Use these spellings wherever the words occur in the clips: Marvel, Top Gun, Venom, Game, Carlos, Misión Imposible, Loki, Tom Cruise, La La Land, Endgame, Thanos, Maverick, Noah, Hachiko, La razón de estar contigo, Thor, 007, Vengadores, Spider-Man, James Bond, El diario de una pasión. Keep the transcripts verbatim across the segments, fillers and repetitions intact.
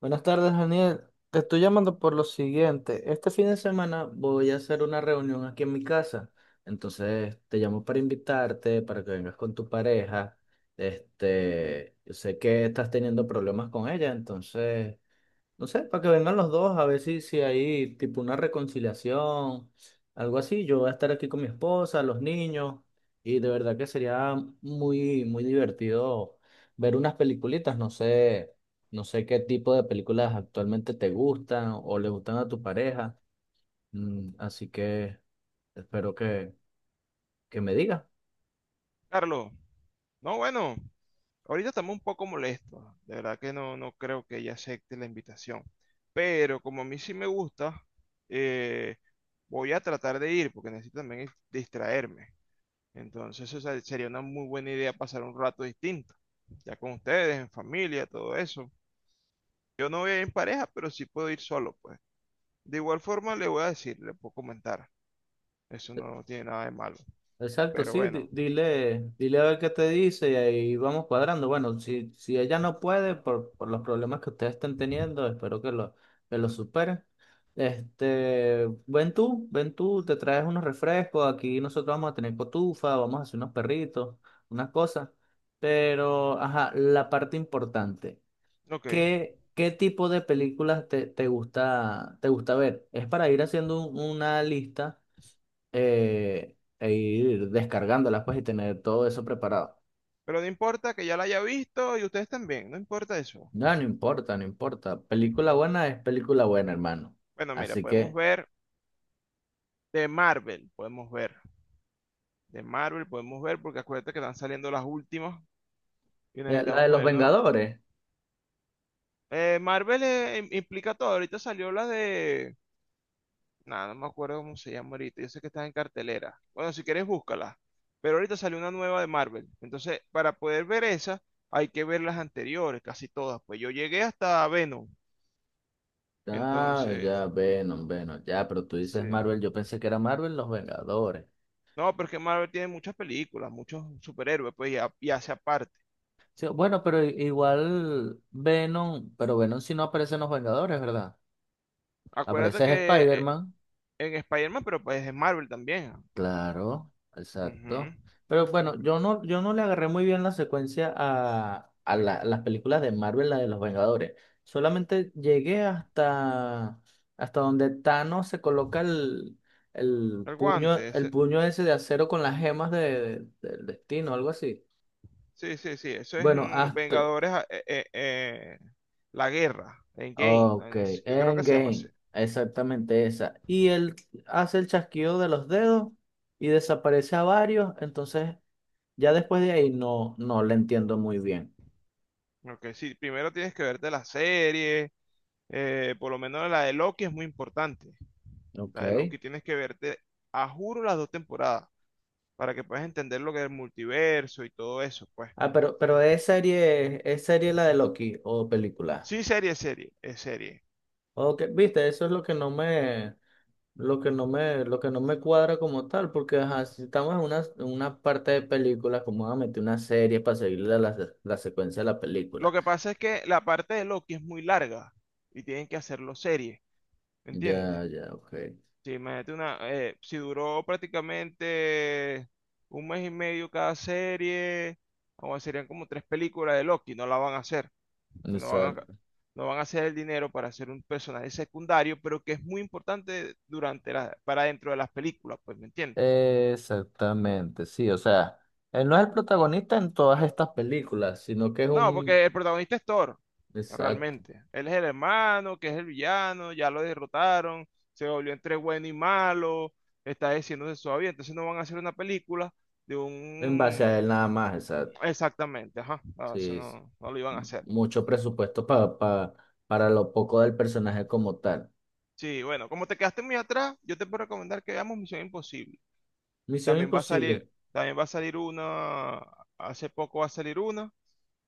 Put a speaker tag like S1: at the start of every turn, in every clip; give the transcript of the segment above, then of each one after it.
S1: Buenas tardes, Daniel. Te estoy llamando por lo siguiente. Este fin de semana voy a hacer una reunión aquí en mi casa. Entonces, te llamo para invitarte, para que vengas con tu pareja. Este, yo sé que estás teniendo problemas con ella, entonces no sé, para que vengan los dos, a ver si, si hay tipo una reconciliación, algo así. Yo voy a estar aquí con mi esposa, los niños, y de verdad que sería muy, muy divertido ver unas peliculitas. No sé, no sé qué tipo de películas actualmente te gustan o le gustan a tu pareja. Mm, así que espero que, que me digas.
S2: Carlos, no, bueno, ahorita estamos un poco molestos. De verdad que no, no creo que ella acepte la invitación. Pero como a mí sí me gusta, eh, voy a tratar de ir porque necesito también distraerme. Entonces, o sea, sería una muy buena idea pasar un rato distinto, ya con ustedes, en familia, todo eso. Yo no voy a ir en pareja, pero sí puedo ir solo, pues. De igual forma, le voy a decir, le puedo comentar. Eso no tiene nada de malo.
S1: Exacto,
S2: Pero
S1: sí,
S2: bueno,
S1: di- dile, dile a ver qué te dice y ahí vamos cuadrando. Bueno, si, si ella no puede por, por los problemas que ustedes estén teniendo, espero que lo, que lo superen. Este, ven tú, ven tú, te traes unos refrescos, aquí nosotros vamos a tener cotufa, vamos a hacer unos perritos, unas cosas. Pero, ajá, la parte importante,
S2: ok.
S1: ¿qué, qué tipo de películas te, te gusta, te gusta ver? Es para ir haciendo un- una lista eh, e ir descargándolas pues y tener todo eso preparado.
S2: Pero no importa que ya la haya visto y ustedes también, no importa eso.
S1: No, no importa, no importa. Película buena es película buena, hermano.
S2: Bueno, mira,
S1: Así
S2: podemos
S1: que,
S2: ver de Marvel, podemos ver. De Marvel podemos ver porque acuérdate que están saliendo las últimas y
S1: eh, la
S2: necesitamos
S1: de los
S2: ponernos...
S1: Vengadores.
S2: Eh, Marvel eh, implica todo. Ahorita salió la de... Nada, no me acuerdo cómo se llama ahorita. Yo sé que está en cartelera. Bueno, si quieres, búscala. Pero ahorita salió una nueva de Marvel. Entonces, para poder ver esa, hay que ver las anteriores, casi todas. Pues yo llegué hasta Venom.
S1: Ah,
S2: Entonces,
S1: ya, Venom, Venom, ya, pero tú
S2: sí.
S1: dices Marvel, yo pensé que era Marvel los Vengadores.
S2: No, pero es que Marvel tiene muchas películas, muchos superhéroes, pues, y, ha- y hace aparte.
S1: Sí, bueno, pero i- igual Venom, pero Venom si no aparece en los Vengadores, ¿verdad?
S2: Acuérdate
S1: Aparece es
S2: que eh,
S1: Spider-Man.
S2: en Spider-Man, pero pues es Marvel también. Ah.
S1: Claro, exacto.
S2: Ujú.
S1: Pero bueno, yo no, yo no le agarré muy bien la secuencia a, a la- las películas de Marvel, la de los Vengadores. Solamente llegué hasta, hasta donde Thanos se coloca el, el
S2: El
S1: puño,
S2: guante,
S1: el
S2: ese-
S1: puño ese de acero con las gemas de, del destino, algo así.
S2: sí, sí, sí, eso es
S1: Bueno,
S2: en
S1: hasta.
S2: Vengadores, ah, eh, eh, eh, la guerra, en
S1: Ok,
S2: Game, que creo que se llama así.
S1: Endgame. Exactamente esa. Y él hace el chasquido de los dedos y desaparece a varios. Entonces ya después de ahí no, no la entiendo muy bien.
S2: Ok, sí, primero tienes que verte la serie, eh, por lo menos la de Loki es muy importante. La de
S1: Ok.
S2: Loki tienes que verte, a juro, las dos temporadas, para que puedas entender lo que es el multiverso y todo eso, pues.
S1: Ah, pero, pero es serie, es serie la de Loki o película.
S2: Sí, serie, serie, es serie.
S1: Ok, viste, eso es lo que no me, lo que no me, lo que no me cuadra como tal, porque ajá, si estamos en una, en una parte de película, ¿como van a meter una serie para seguir la, la, la secuencia de la
S2: Lo
S1: película?
S2: que pasa es que la parte de Loki es muy larga y tienen que hacerlo serie, ¿me entiendes?
S1: Ya, ya, ok.
S2: Sí, imagínate una, eh, si duró prácticamente un mes y medio cada serie, o serían como tres películas de Loki, no la van a hacer, no van a,
S1: Exact-
S2: no van a hacer el dinero para hacer un personaje secundario, pero que es muy importante durante la, para dentro de las películas, pues, ¿me entiendes?
S1: Exactamente, sí, o sea, él no es el protagonista en todas estas películas, sino que es
S2: No,
S1: un...
S2: porque el protagonista es Thor,
S1: Exacto.
S2: realmente. Él es el hermano, que es el villano, ya lo derrotaron, se volvió entre bueno y malo, está diciéndose suave, entonces no van a hacer una película de
S1: En base a
S2: un...
S1: él nada más, exacto.
S2: Exactamente, ajá, ah, eso
S1: Sí, es
S2: no, no lo iban a hacer.
S1: mucho presupuesto pa- pa- para lo poco del personaje como tal.
S2: Sí, bueno, como te quedaste muy atrás, yo te puedo recomendar que veamos Misión Imposible.
S1: Misión
S2: También va a salir,
S1: Imposible.
S2: también va a salir una, hace poco va a salir una,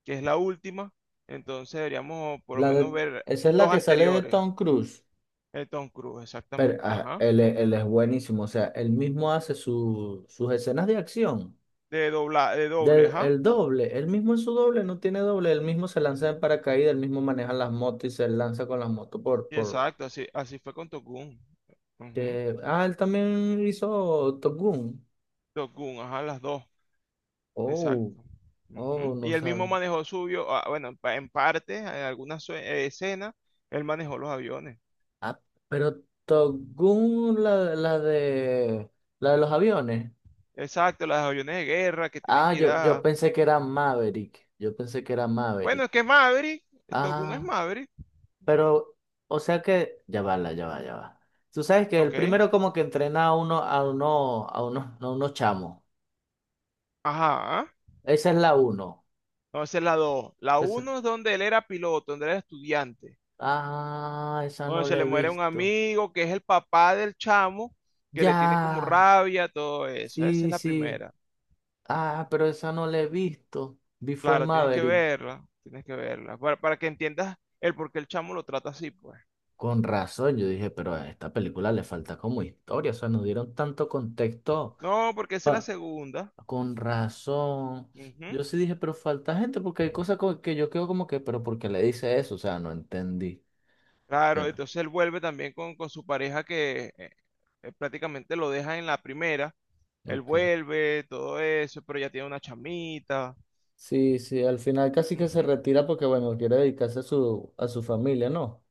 S2: que es la última, entonces deberíamos por lo
S1: La
S2: menos
S1: de-
S2: ver
S1: esa es
S2: dos
S1: la que sale de
S2: anteriores.
S1: Tom Cruise.
S2: El Tom Cruise,
S1: Pero
S2: exactamente,
S1: ah,
S2: ajá.
S1: él, es él es buenísimo. O sea, él mismo hace su- sus escenas de acción.
S2: De dobla, de doble,
S1: Del,
S2: ajá.
S1: el doble. Él mismo es su doble, no tiene doble. Él mismo se lanza en paracaídas, él mismo maneja las motos y se lanza con las motos por,
S2: Sí,
S1: por...
S2: exacto, así, así fue con Top Gun. Ujú.
S1: que- ah, él también hizo Top Gun.
S2: Top Gun, ajá, las dos,
S1: Oh,
S2: exacto.
S1: oh,
S2: Ujú.
S1: no
S2: Y él mismo
S1: sabe.
S2: manejó suyo, ah, bueno, en, pa- en parte, en algunas sue- eh, escenas, él manejó los aviones.
S1: Ah, pero Togun, la, la de la de los aviones.
S2: Exacto, los aviones de guerra que tienen
S1: Ah,
S2: que ir
S1: yo, yo
S2: a...
S1: pensé que era Maverick. Yo pensé que era
S2: Bueno,
S1: Maverick.
S2: es que es Maverick, Top Gun es
S1: Ah,
S2: Maverick,
S1: pero, o sea que, ya va, la- ya va, ya va. Tú sabes que el
S2: ok.
S1: primero como que entrena a uno, a uno, a uno, a unos chamos.
S2: Ajá,
S1: Esa es la uno.
S2: entonces la dos. La
S1: Esa-
S2: uno es donde él era piloto, donde él era estudiante.
S1: Ah, esa
S2: Bueno,
S1: no
S2: se
S1: la
S2: le
S1: he
S2: muere un
S1: visto.
S2: amigo que es el papá del chamo, que le tiene como
S1: Ya.
S2: rabia, todo eso. Esa es
S1: Sí,
S2: la
S1: sí.
S2: primera.
S1: Ah, pero esa no la he visto. Vi fue
S2: Claro, tienes que
S1: Maverick.
S2: verla, tienes que verla, para, para que entiendas el por qué el chamo lo trata así, pues.
S1: Con razón, yo dije, pero a esta película le falta como historia, o sea, nos dieron tanto contexto.
S2: No, porque esa es la
S1: pa-
S2: segunda.
S1: con razón.
S2: Ujú.
S1: Yo sí dije, pero falta gente, porque hay cosas co- que yo quedo como que, pero ¿por qué le dice eso? O sea, no entendí.
S2: Claro,
S1: Pero,
S2: entonces él vuelve también con, con su pareja que eh, eh, prácticamente lo deja en la primera. Él
S1: ok.
S2: vuelve, todo eso, pero ya tiene una chamita.
S1: Sí, sí, al final casi que se
S2: Ujú.
S1: retira porque, bueno, quiere dedicarse a su, a su familia, ¿no?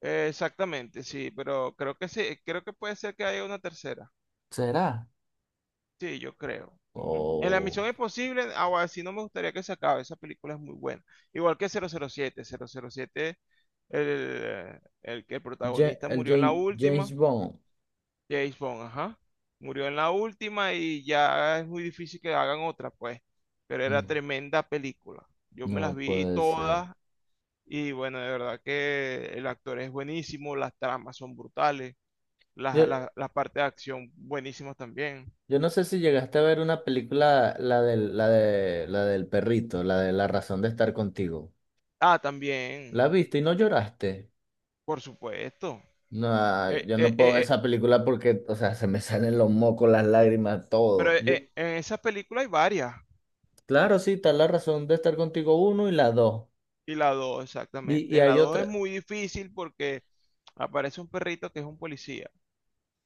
S2: Eh, Exactamente, sí, pero creo que sí, creo que puede ser que haya una tercera.
S1: ¿Será?
S2: Sí, yo creo. Ujú. En La
S1: O
S2: Misión Imposible, ahora sí no me gustaría que se acabe, esa película es muy buena. Igual que cero cero siete, cero cero siete, el, el que el
S1: Ja-
S2: protagonista
S1: el
S2: murió en
S1: Ja-
S2: la
S1: James
S2: última,
S1: Bond.
S2: James Bond, ajá, murió en la última y ya es muy difícil que hagan otra, pues, pero era
S1: No,
S2: tremenda película. Yo me
S1: no
S2: las vi
S1: puede ser.
S2: todas y bueno, de verdad que el actor es buenísimo, las tramas son brutales, las, las, las partes de acción buenísimas también.
S1: Yo no sé si llegaste a ver una película, la del, la de, la del perrito, la de La razón de estar contigo.
S2: Ah, también.
S1: ¿La viste y no lloraste?
S2: Por supuesto.
S1: No, ah,
S2: Eh,
S1: yo no
S2: eh, eh,
S1: puedo ver
S2: eh,
S1: esa película porque, o sea, se me salen los mocos, las lágrimas,
S2: pero
S1: todo.
S2: eh,
S1: Yo,
S2: eh, en esa película hay varias.
S1: claro, sí, está La razón de estar contigo uno y la dos.
S2: Y la dos
S1: Y,
S2: exactamente.
S1: y
S2: En la
S1: hay
S2: dos es
S1: otra.
S2: muy difícil porque aparece un perrito que es un policía.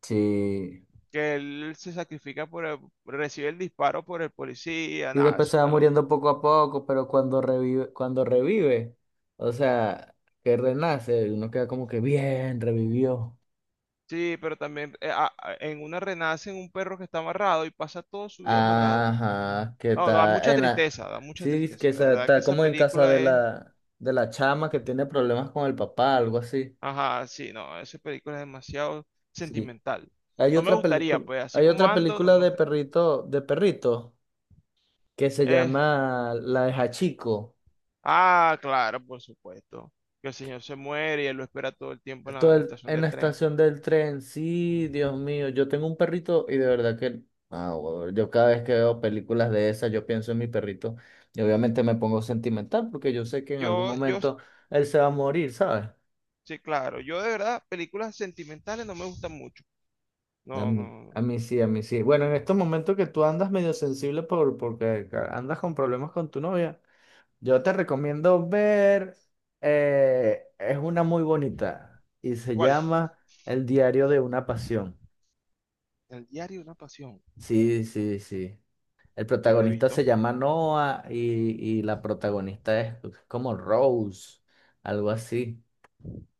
S1: Sí.
S2: Que él se sacrifica por el- recibe el disparo por el policía.
S1: Y
S2: Nada,
S1: después
S2: es
S1: se va
S2: una
S1: muriendo
S2: locura.
S1: poco a poco, pero cuando revive, cuando revive, o sea, que renace, uno queda como que bien, revivió.
S2: Sí, pero también eh, a- a- en una renacen un perro que está amarrado y pasa toda su vida amarrado.
S1: Ajá, ¿qué
S2: No, da
S1: tal?
S2: mucha
S1: En la-
S2: tristeza, da mucha
S1: Sí, es que
S2: tristeza. De
S1: esa-
S2: verdad que
S1: está
S2: esa
S1: como en casa
S2: película
S1: de
S2: es...
S1: la, de la chama que tiene problemas con el papá, algo así.
S2: Ajá, sí, no, esa película es demasiado
S1: Sí.
S2: sentimental.
S1: Hay
S2: No me
S1: otra
S2: gustaría,
S1: película,
S2: pues, así
S1: hay
S2: como
S1: otra
S2: ando, no
S1: película
S2: me
S1: de
S2: gustaría.
S1: perrito, de perrito, que se
S2: Eh,
S1: llama La de Hachiko.
S2: ah, claro, por supuesto. Que el señor se muere y él lo espera todo el tiempo en
S1: Todo
S2: la
S1: el-
S2: estación
S1: en
S2: de
S1: la
S2: tren.
S1: estación del tren. Sí,
S2: Ujú.
S1: Dios mío, yo tengo un perrito y de verdad que ah, huevón, yo cada vez que veo películas de esas, yo pienso en mi perrito y obviamente me pongo sentimental porque yo sé que en algún
S2: Yo, yo, s-
S1: momento él se va a morir, ¿sabes?
S2: sí, claro. Yo de verdad, películas sentimentales no me gustan mucho.
S1: A
S2: No,
S1: mí,
S2: no.
S1: a
S2: no.
S1: mí sí, a mí sí. Bueno, en estos momentos que tú andas medio sensible por, porque ca- andas con problemas con tu novia, yo te recomiendo ver, eh, es una muy bonita y se
S2: ¿Cuál?
S1: llama El diario de una pasión.
S2: El diario de una pasión.
S1: Sí, sí, sí. El
S2: No lo he
S1: protagonista
S2: visto.
S1: se llama Noah y, y la protagonista es como Rose, algo así.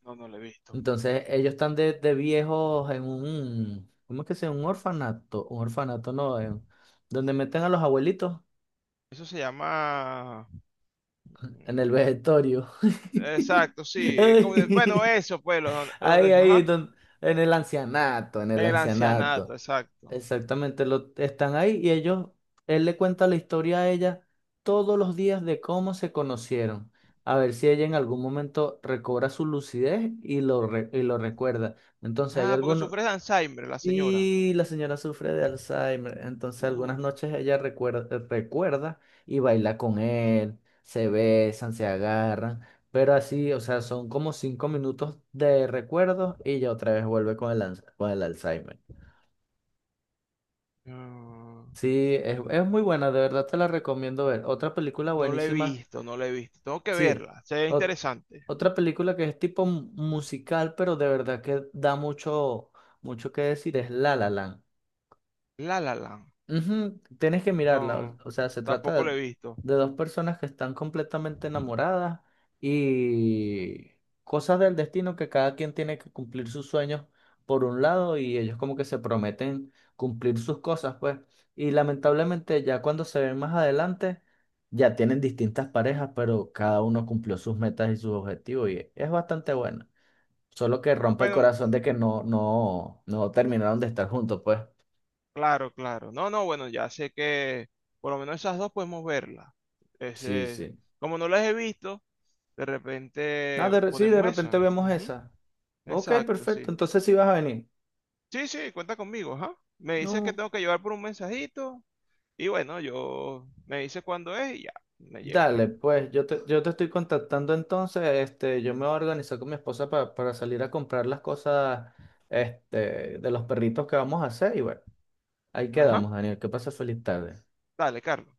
S2: No, no lo he visto.
S1: Entonces, ellos están de, de viejos en un, ¿cómo es que se llama? Un orfanato, un orfanato no, en- donde meten a los abuelitos
S2: Eso se llama...
S1: en el
S2: mm,
S1: vegetorio.
S2: exacto, sí. Es como de- Bueno,
S1: Ay,
S2: eso, pues, lo- donde,
S1: ahí, ahí,
S2: ajá.
S1: don- en el ancianato, en el
S2: En el ancianato,
S1: ancianato.
S2: exacto.
S1: Exactamente, lo, están ahí y ellos, él le cuenta la historia a ella todos los días de cómo se conocieron. A ver si ella en algún momento recobra su lucidez y lo, re- y lo recuerda. Entonces, hay
S2: Ah, porque
S1: algunos.
S2: sufre de Alzheimer la señora.
S1: Y la señora sufre de Alzheimer, entonces algunas
S2: Uf.
S1: noches ella recuerda, eh, recuerda y baila con él, se besan, se agarran, pero así, o sea, son como cinco minutos de recuerdo y ya otra vez vuelve con el, ans- con el Alzheimer.
S2: No,
S1: Sí, es, es muy buena, de verdad te la recomiendo ver. Otra película
S2: no la he
S1: buenísima,
S2: visto, no la he visto. Tengo que
S1: sí,
S2: verla, se ve
S1: o-
S2: interesante.
S1: otra película que es tipo mu- musical, pero de verdad que da mucho, mucho que decir, es La La Land.
S2: La La Land.
S1: Ujú, tienes que mirarla, o,
S2: No,
S1: o sea, se
S2: tampoco
S1: trata
S2: la
S1: de,
S2: he visto.
S1: de dos personas que están completamente enamoradas y cosas del destino que cada quien tiene que cumplir sus sueños por un lado y ellos como que se prometen cumplir sus cosas, pues. Y lamentablemente ya cuando se ven más adelante, ya tienen distintas parejas, pero cada uno cumplió sus metas y sus objetivos y es bastante bueno. Solo que rompe el
S2: Bueno,
S1: corazón de que no, no, no terminaron de estar juntos, pues.
S2: claro, claro. No, no, bueno, ya sé que por lo menos esas dos podemos verla.
S1: Sí,
S2: Ese,
S1: sí.
S2: como no las he visto, de
S1: Ah,
S2: repente
S1: de re- sí, de
S2: ponemos
S1: repente
S2: esa.
S1: vemos
S2: Ujú,
S1: esa. Ok,
S2: exacto,
S1: perfecto.
S2: sí.
S1: Entonces sí vas a venir.
S2: Sí, sí, cuenta conmigo, ajá. Me dices que
S1: No,
S2: tengo que llevar por un mensajito. Y bueno, yo me dice cuándo es y ya, me llego.
S1: dale, pues yo te, yo te estoy contactando entonces. Este, yo me voy a organizar con mi esposa pa- para salir a comprar las cosas este, de los perritos que vamos a hacer. Y bueno, ahí quedamos,
S2: Ajá.
S1: Daniel. Que pases feliz tarde.
S2: Dale, Carlos.